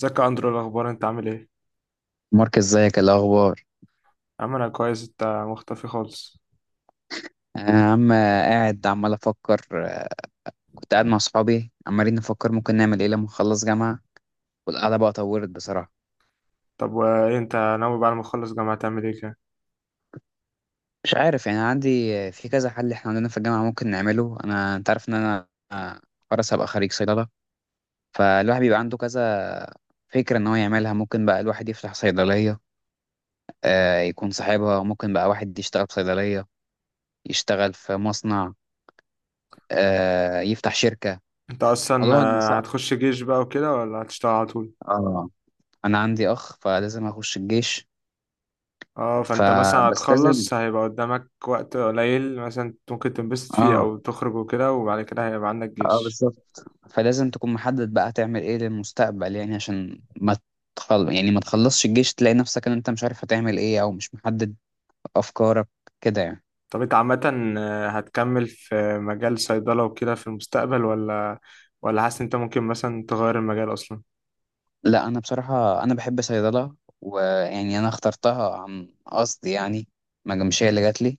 ازيك يا اندرو، إيه الاخبار؟ انت عامل ايه؟ مارك ازيك؟ إيه الاخبار؟ عامل انا كويس. انت مختفي خالص. انا يا عم قاعد عمال افكر، كنت قاعد مع صحابي عمالين نفكر ممكن نعمل ايه لما نخلص جامعه، والقعده بقى طورت بصراحه. طب وايه انت ناوي بعد ما تخلص جامعه تعمل ايه كده؟ مش عارف يعني، عندي في كذا حل احنا عندنا في الجامعه ممكن نعمله. انا انت عارف ان انا، خلاص هبقى خريج صيدله، فالواحد بيبقى عنده كذا فكره ان هو يعملها. ممكن بقى الواحد يفتح صيدليه يكون صاحبها، ممكن بقى واحد يشتغل في صيدليه، يشتغل في مصنع، يفتح شركه. انت اصلا الموضوع ده صعب. هتخش جيش بقى وكده ولا هتشتغل على طول؟ اه، انا عندي اخ فلازم اخش الجيش. اه، فانت مثلا فبس لازم. هتخلص هيبقى قدامك وقت قليل مثلا ممكن تنبسط فيه اه. او تخرج وكده، وبعد كده هيبقى عندك اه جيش. بالظبط، فلازم تكون محدد بقى هتعمل ايه للمستقبل، يعني عشان ما يعني ما تخلصش الجيش تلاقي نفسك ان انت مش عارف هتعمل ايه او مش محدد افكارك كده يعني. طب انت عامه هتكمل في مجال صيدله وكده في المستقبل، ولا حاسس انت ممكن مثلا تغير المجال اصلا؟ لا انا بصراحة انا بحب صيدلة، ويعني انا اخترتها عن قصد يعني، ما مش هي اللي جات لي.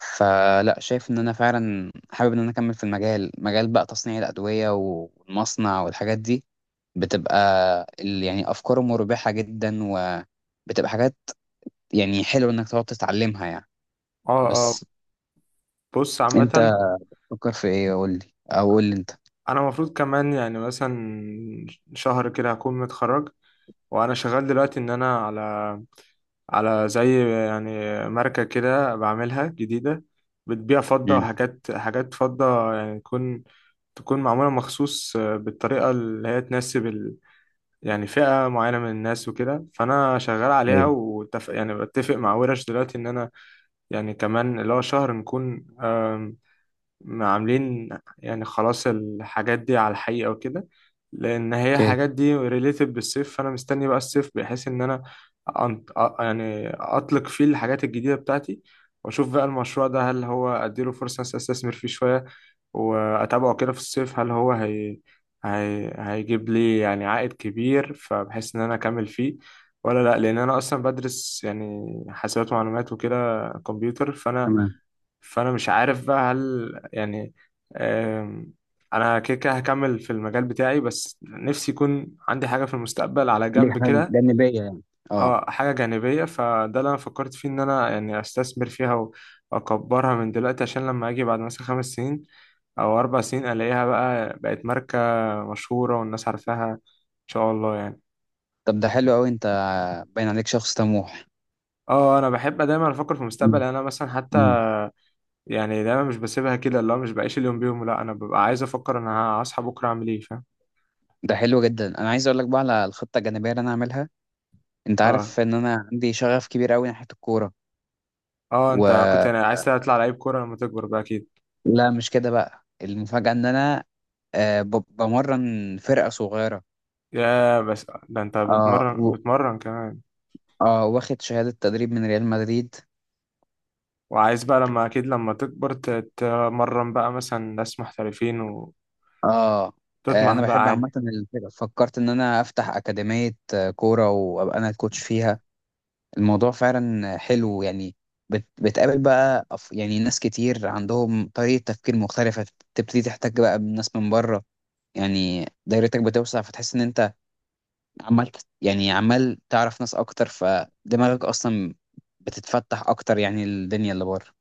فلا، شايف ان انا فعلا حابب ان انا اكمل في المجال، مجال بقى تصنيع الادوية والمصنع والحاجات دي، بتبقى يعني افكاره مربحه جدا، وبتبقى حاجات يعني حلوه انك تقعد تتعلمها يعني. اه اه. بس بص انت عامه، فكر في ايه؟ قول لي، او قول لي انت. انا المفروض كمان يعني مثلا شهر كده هكون متخرج، وانا شغال دلوقتي ان انا على زي يعني ماركة كده بعملها جديدة، بتبيع فضة امم. وحاجات فضة يعني تكون معمولة مخصوص بالطريقة اللي هي تناسب يعني فئة معينة من الناس وكده، فأنا شغال عليها ايوه. يعني بتفق مع ورش دلوقتي إن أنا يعني كمان اللي هو شهر نكون عاملين يعني خلاص الحاجات دي على الحقيقة وكده، لأن هي اوكي. الحاجات دي related بالصيف، فأنا مستني بقى الصيف بحيث إن أنا يعني أطلق فيه الحاجات الجديدة بتاعتي، وأشوف بقى المشروع ده هل هو أديله فرصة مثلاً أستثمر فيه شوية وأتابعه كده في الصيف، هل هو هيجيب لي يعني عائد كبير فبحيث إن أنا أكمل فيه ولا لأ، لأن أنا أصلا بدرس يعني حاسبات ومعلومات وكده كمبيوتر. تمام. فانا مش عارف بقى هل يعني آم، انا كده كده هكمل في المجال بتاعي، بس نفسي يكون عندي حاجه في المستقبل على دي جنب حاجه كده. جانبيه يعني. اه، اه حاجه جانبيه، فده اللي انا فكرت فيه ان انا يعني استثمر فيها واكبرها من دلوقتي، عشان لما اجي بعد مثلا 5 سنين او 4 سنين الاقيها بقى بقت ماركه مشهوره والناس عارفاها، ان شاء الله يعني. طب ده حلو قوي، انت باين عليك شخص طموح. اه انا بحب دايما افكر في المستقبل، مم. يعني انا مثلا مم. حتى يعني دايما مش بسيبها كده اللي هو مش بعيش اليوم بيوم، لا انا ببقى عايز افكر انا هصحى بكره اعمل ايه. ده حلو جدا، انا عايز اقول لك بقى على الخطه الجانبيه اللي انا هعملها. انت اه عارف ان انا عندي شغف كبير قوي ناحيه الكوره. اه، و انت كنت يعني عايز تطلع لعيب كورة لما تكبر بقى اكيد؟ لا مش كده، بقى المفاجاه ان انا بمرن فرقه صغيره. يا بس ده انت اه بتمرن كمان؟ اه واخد شهادة تدريب من ريال مدريد. وعايز بقى لما اكيد لما تكبر تتمرن بقى مثلا ناس محترفين اه. وتطمح انا بقى بحب عالي. عامة الفرق. فكرت ان انا افتح اكاديمية كورة وابقى انا الكوتش فيها. الموضوع فعلا حلو يعني. بتقابل بقى يعني ناس كتير عندهم طريقة تفكير مختلفة. تبتدي تحتك بقى بناس من بره، يعني دايرتك بتوسع. فتحس ان انت يعني عمال تعرف ناس اكتر، فدماغك اصلا بتتفتح اكتر يعني، الدنيا اللي بره.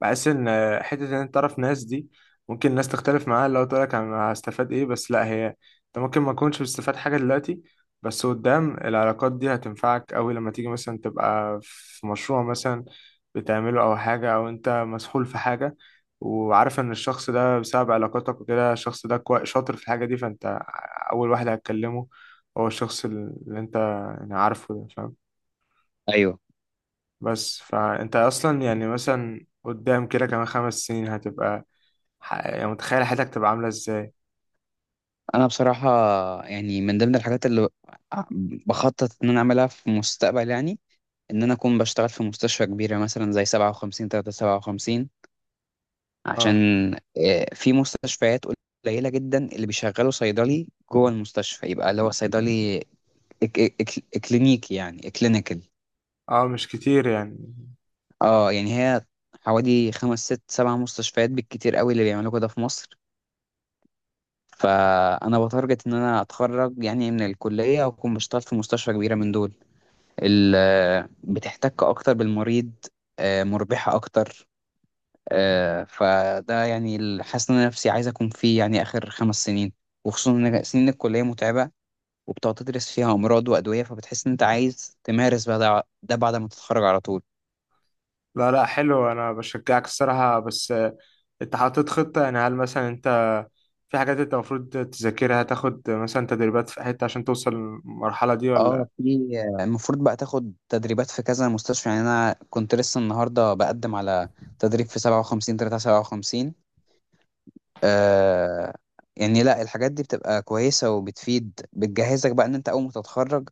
بحس ان حته ان انت تعرف ناس دي ممكن الناس تختلف معاها لو تقول لك انا هستفاد ايه، بس لا هي انت ممكن ما تكونش بتستفاد حاجه دلوقتي، بس قدام العلاقات دي هتنفعك قوي لما تيجي مثلا تبقى في مشروع مثلا بتعمله او حاجه او انت مسحول في حاجه، وعارف ان الشخص ده بسبب علاقاتك وكده الشخص ده شاطر في الحاجه دي، فانت اول واحد هتكلمه هو الشخص اللي انت يعني عارفه ده، فاهم؟ ايوه، بس فانت اصلا يعني مثلا قدام كده كمان 5 سنين هتبقى يعني متخيل حياتك تبقى عاملة ازاي؟ انا بصراحه يعني من ضمن الحاجات اللي بخطط ان انا اعملها في المستقبل يعني، ان انا اكون بشتغل في مستشفى كبيره مثلا زي 57357. عشان اه في مستشفيات قليله جدا اللي بيشغلوا صيدلي جوه المستشفى، يبقى اللي هو صيدلي إك إك إك كلينيكي يعني، كلينيكال. اه، مش كتير يعني. اه يعني هي حوالي خمس ست سبع مستشفيات بالكتير قوي اللي بيعملوا كده في مصر. فانا بتارجت ان انا اتخرج يعني من الكليه واكون بشتغل في مستشفى كبيره من دول. بتحتك اكتر بالمريض، مربحة اكتر. فده يعني حاسس ان انا نفسي عايز اكون فيه يعني اخر خمس سنين. وخصوصا ان سنين الكلية متعبة، وبتقعد تدرس فيها امراض وادوية. فبتحس ان انت عايز تمارس بقى ده بعد ما تتخرج على طول. لا لا حلو، انا بشجعك الصراحة، بس انت حاطط خطة؟ يعني هل مثلا انت في حاجات انت المفروض تذاكرها، تاخد مثلا تدريبات في حتة عشان توصل للمرحلة دي ولا؟ اه في، المفروض بقى تاخد تدريبات في كذا مستشفى يعني، انا كنت لسه النهارده بقدم على تدريب في 57357. آه، يعني لا الحاجات دي بتبقى كويسة وبتفيد، بتجهزك بقى ان انت اول ما تتخرج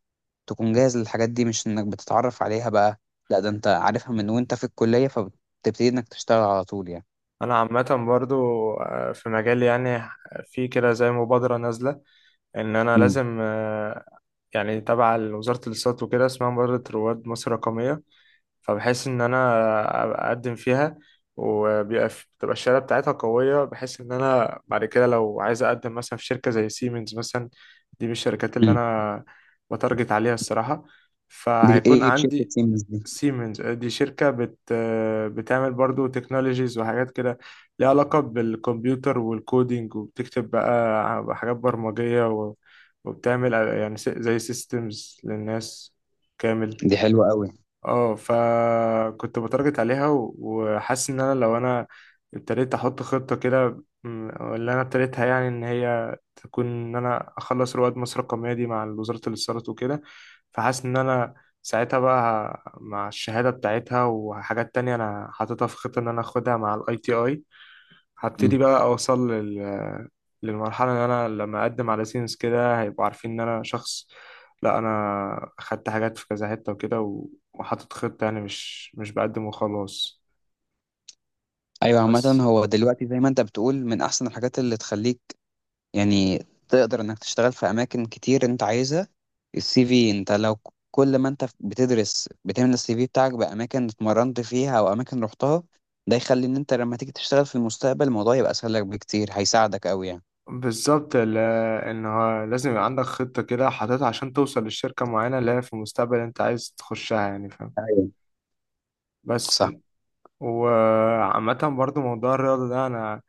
تكون جاهز للحاجات دي، مش انك بتتعرف عليها بقى. لا، ده انت عارفها من وانت في الكلية، فبتبتدي انك تشتغل على طول يعني. انا عامة برضو في مجالي يعني، في كده زي مبادرة نازلة ان انا امم. لازم يعني تبع وزارة الاتصالات وكده، اسمها مبادرة رواد مصر الرقمية، فبحس ان انا أبقى اقدم فيها. وبيبقى بتبقى الشهاده بتاعتها قويه بحيث ان انا بعد كده لو عايز اقدم مثلا في شركه زي سيمنز مثلا، دي من الشركات اللي امم. انا بتارجت عليها الصراحه، دي فهيكون ايه بشركة عندي. سيمنز دي؟ سيمنز دي شركه بتعمل برضو تكنولوجيز وحاجات كده، ليها علاقه بالكمبيوتر والكودينج، وبتكتب بقى حاجات برمجيه وبتعمل يعني زي سيستمز للناس كامل. دي حلوة قوي. اه فكنت بتارجت عليها وحاسس ان انا لو انا ابتديت احط خطة كده اللي انا ابتديتها يعني ان هي تكون ان انا اخلص رواد مصر الرقمية دي مع وزارة الاتصالات وكده، فحاسس ان انا ساعتها بقى مع الشهادة بتاعتها وحاجات تانية انا حاططها في خطة ان انا اخدها مع ITI، امم. هبتدي بقى اوصل للمرحله ان انا لما اقدم على سينس كده هيبقوا عارفين ان انا شخص، لا انا خدت حاجات في كذا حته وكده وحاطط خطه، يعني مش بقدم وخلاص ايوه، عامة بس. هو دلوقتي زي ما انت بتقول من احسن الحاجات اللي تخليك يعني تقدر انك تشتغل في اماكن كتير انت عايزها. السي في، انت لو كل ما انت بتدرس بتملى السي في بتاعك باماكن اتمرنت فيها او اماكن رحتها، ده يخلي ان انت لما تيجي تشتغل في المستقبل الموضوع يبقى اسهل لك بكتير، هيساعدك قوي يعني. بالظبط ان هو لازم يبقى عندك خطه كده حاططها عشان توصل لشركه معينه اللي هي في المستقبل انت عايز تخشها، يعني فاهم؟ ايوه. بس صح. وعامه برضو، موضوع الرياضه ده انا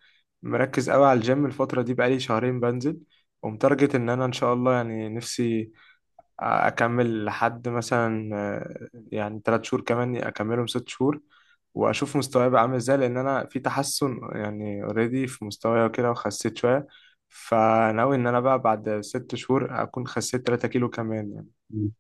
مركز قوي على الجيم الفتره دي، بقالي شهرين بنزل، ومتارجت ان انا ان شاء الله يعني نفسي اكمل لحد مثلا يعني 3 شهور كمان اكملهم 6 شهور، واشوف مستواي بقى عامل ازاي لان انا في تحسن يعني اوريدي في مستواي وكده وخسيت شويه. فناوي ان انا بقى بعد 6 شهور اكون خسيت 3 كيلو كمان يعني. مم.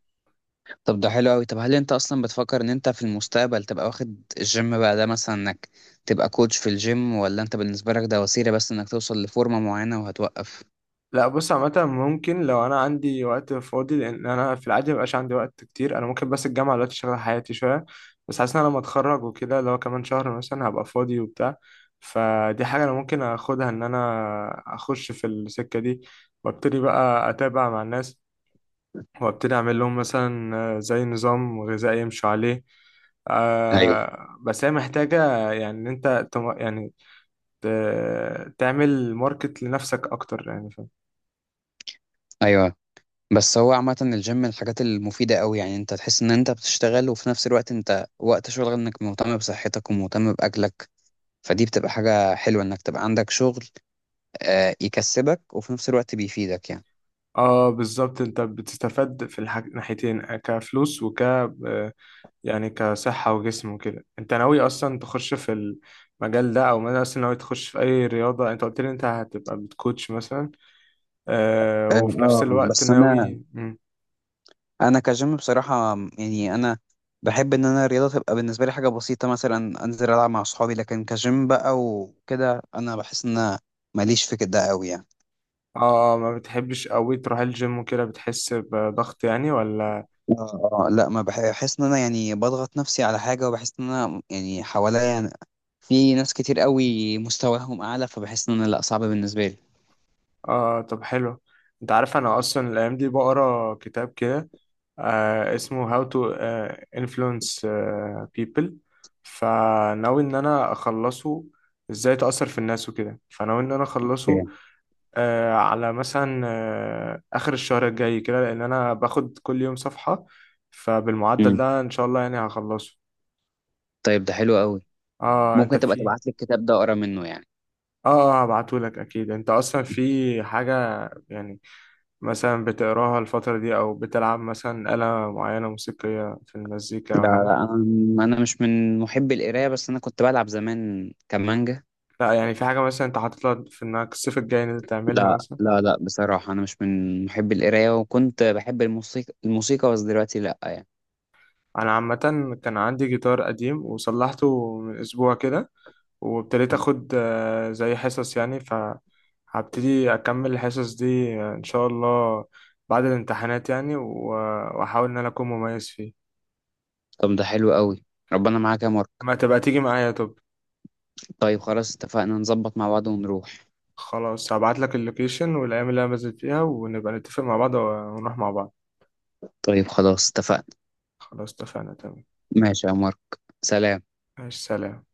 طب ده حلو قوي. طب هل انت اصلا بتفكر ان انت في المستقبل تبقى واخد الجيم بقى ده، مثلا انك تبقى كوتش في الجيم، ولا انت بالنسبة لك ده وسيلة بس انك توصل لفورمة معينة وهتوقف؟ لا بص عامة ممكن لو أنا عندي وقت فاضي، لأن أنا في العادي مبقاش عندي وقت كتير، أنا ممكن بس الجامعة دلوقتي شغالة حياتي شوية، بس حاسس إن أنا لما أتخرج وكده اللي هو كمان شهر مثلا هبقى فاضي وبتاع، فدي حاجة أنا ممكن أخدها إن أنا أخش في السكة دي، وأبتدي بقى أتابع مع الناس، وأبتدي أعمل لهم مثلا زي نظام غذائي يمشوا عليه. ايوه. آه بس هي محتاجة يعني إن أنت يعني تعمل ماركت لنفسك أكتر يعني. ايوه. بس هو عامة الجيم من الحاجات المفيدة أوي يعني، أنت تحس إن أنت بتشتغل، وفي نفس الوقت أنت وقت شغل إنك مهتم بصحتك ومهتم بأكلك. فدي بتبقى حاجة حلوة إنك تبقى عندك شغل يكسبك، وفي نفس الوقت بيفيدك يعني. اه بالظبط، انت بتستفاد في ناحيتين، كفلوس وك يعني كصحة وجسم وكده. انت ناوي اصلا تخش في المجال ده، او مثلا اصلا ناوي تخش في اي رياضة؟ انت قلت لي انت هتبقى بتكوتش مثلا آه، وفي نفس اه، الوقت بس أنا، ناوي مم. أنا كجيم بصراحة يعني، أنا بحب إن أنا الرياضة تبقى بالنسبة لي حاجة بسيطة، مثلا أنزل ألعب مع أصحابي. لكن كجيم بقى وكده أنا بحس إن أنا ماليش في كده أوي يعني. اه ما بتحبش قوي تروح الجيم وكده بتحس بضغط يعني ولا؟ اه، لا ما بح- بحس ان انا يعني بضغط نفسي على حاجه، وبحس ان انا يعني حواليا في ناس كتير قوي مستواهم اعلى، فبحس ان انا لا، صعب بالنسبه لي. اه طب حلو. انت عارف انا اصلا الايام دي بقرا كتاب كده، آه اسمه How to Influence People، فناوي إن أنا أخلصه، إزاي تأثر في الناس وكده، فناوي إن أنا أخلصه اوكي. آه على مثلا آخر الشهر الجاي كده، لأن أنا باخد كل يوم صفحة، فبالمعدل امم. ده إن شاء الله يعني هخلصه. طيب ده حلو قوي. آه أنت ممكن تبقى في تبعت لي الكتاب ده اقرا منه يعني. آه هبعتهولك أكيد. أنت أصلا في حاجة يعني مثلا بتقراها الفترة دي، أو بتلعب مثلا آلة معينة موسيقية في المزيكا أو لا حاجة؟ لا انا، أنا مش من محبي القرايه، بس انا كنت بلعب زمان كمانجا. لا يعني في حاجة مثلا انت حاطط لها في انك الصيف الجاي ان انت تعملها لا مثلا؟ لا لا، بصراحه انا مش من محبي القرايه، وكنت بحب الموسيقى، الموسيقى بس دلوقتي لا يعني. انا عامة كان عندي جيتار قديم وصلحته من اسبوع كده، وابتديت مم. اخد زي حصص يعني، فهبتدي اكمل الحصص دي ان شاء الله بعد الامتحانات يعني واحاول ان انا اكون مميز فيه. طب ده حلو قوي، ربنا معاك يا مارك. ما تبقى تيجي معايا طب؟ طيب خلاص اتفقنا، نظبط مع بعض ونروح. خلاص، هبعت لك اللوكيشن والايام اللي انا بنزل فيها، ونبقى نتفق مع بعض ونروح مع بعض. طيب خلاص اتفقنا. خلاص اتفقنا تمام. ماشي يا مارك. سلام. ماشي سلام.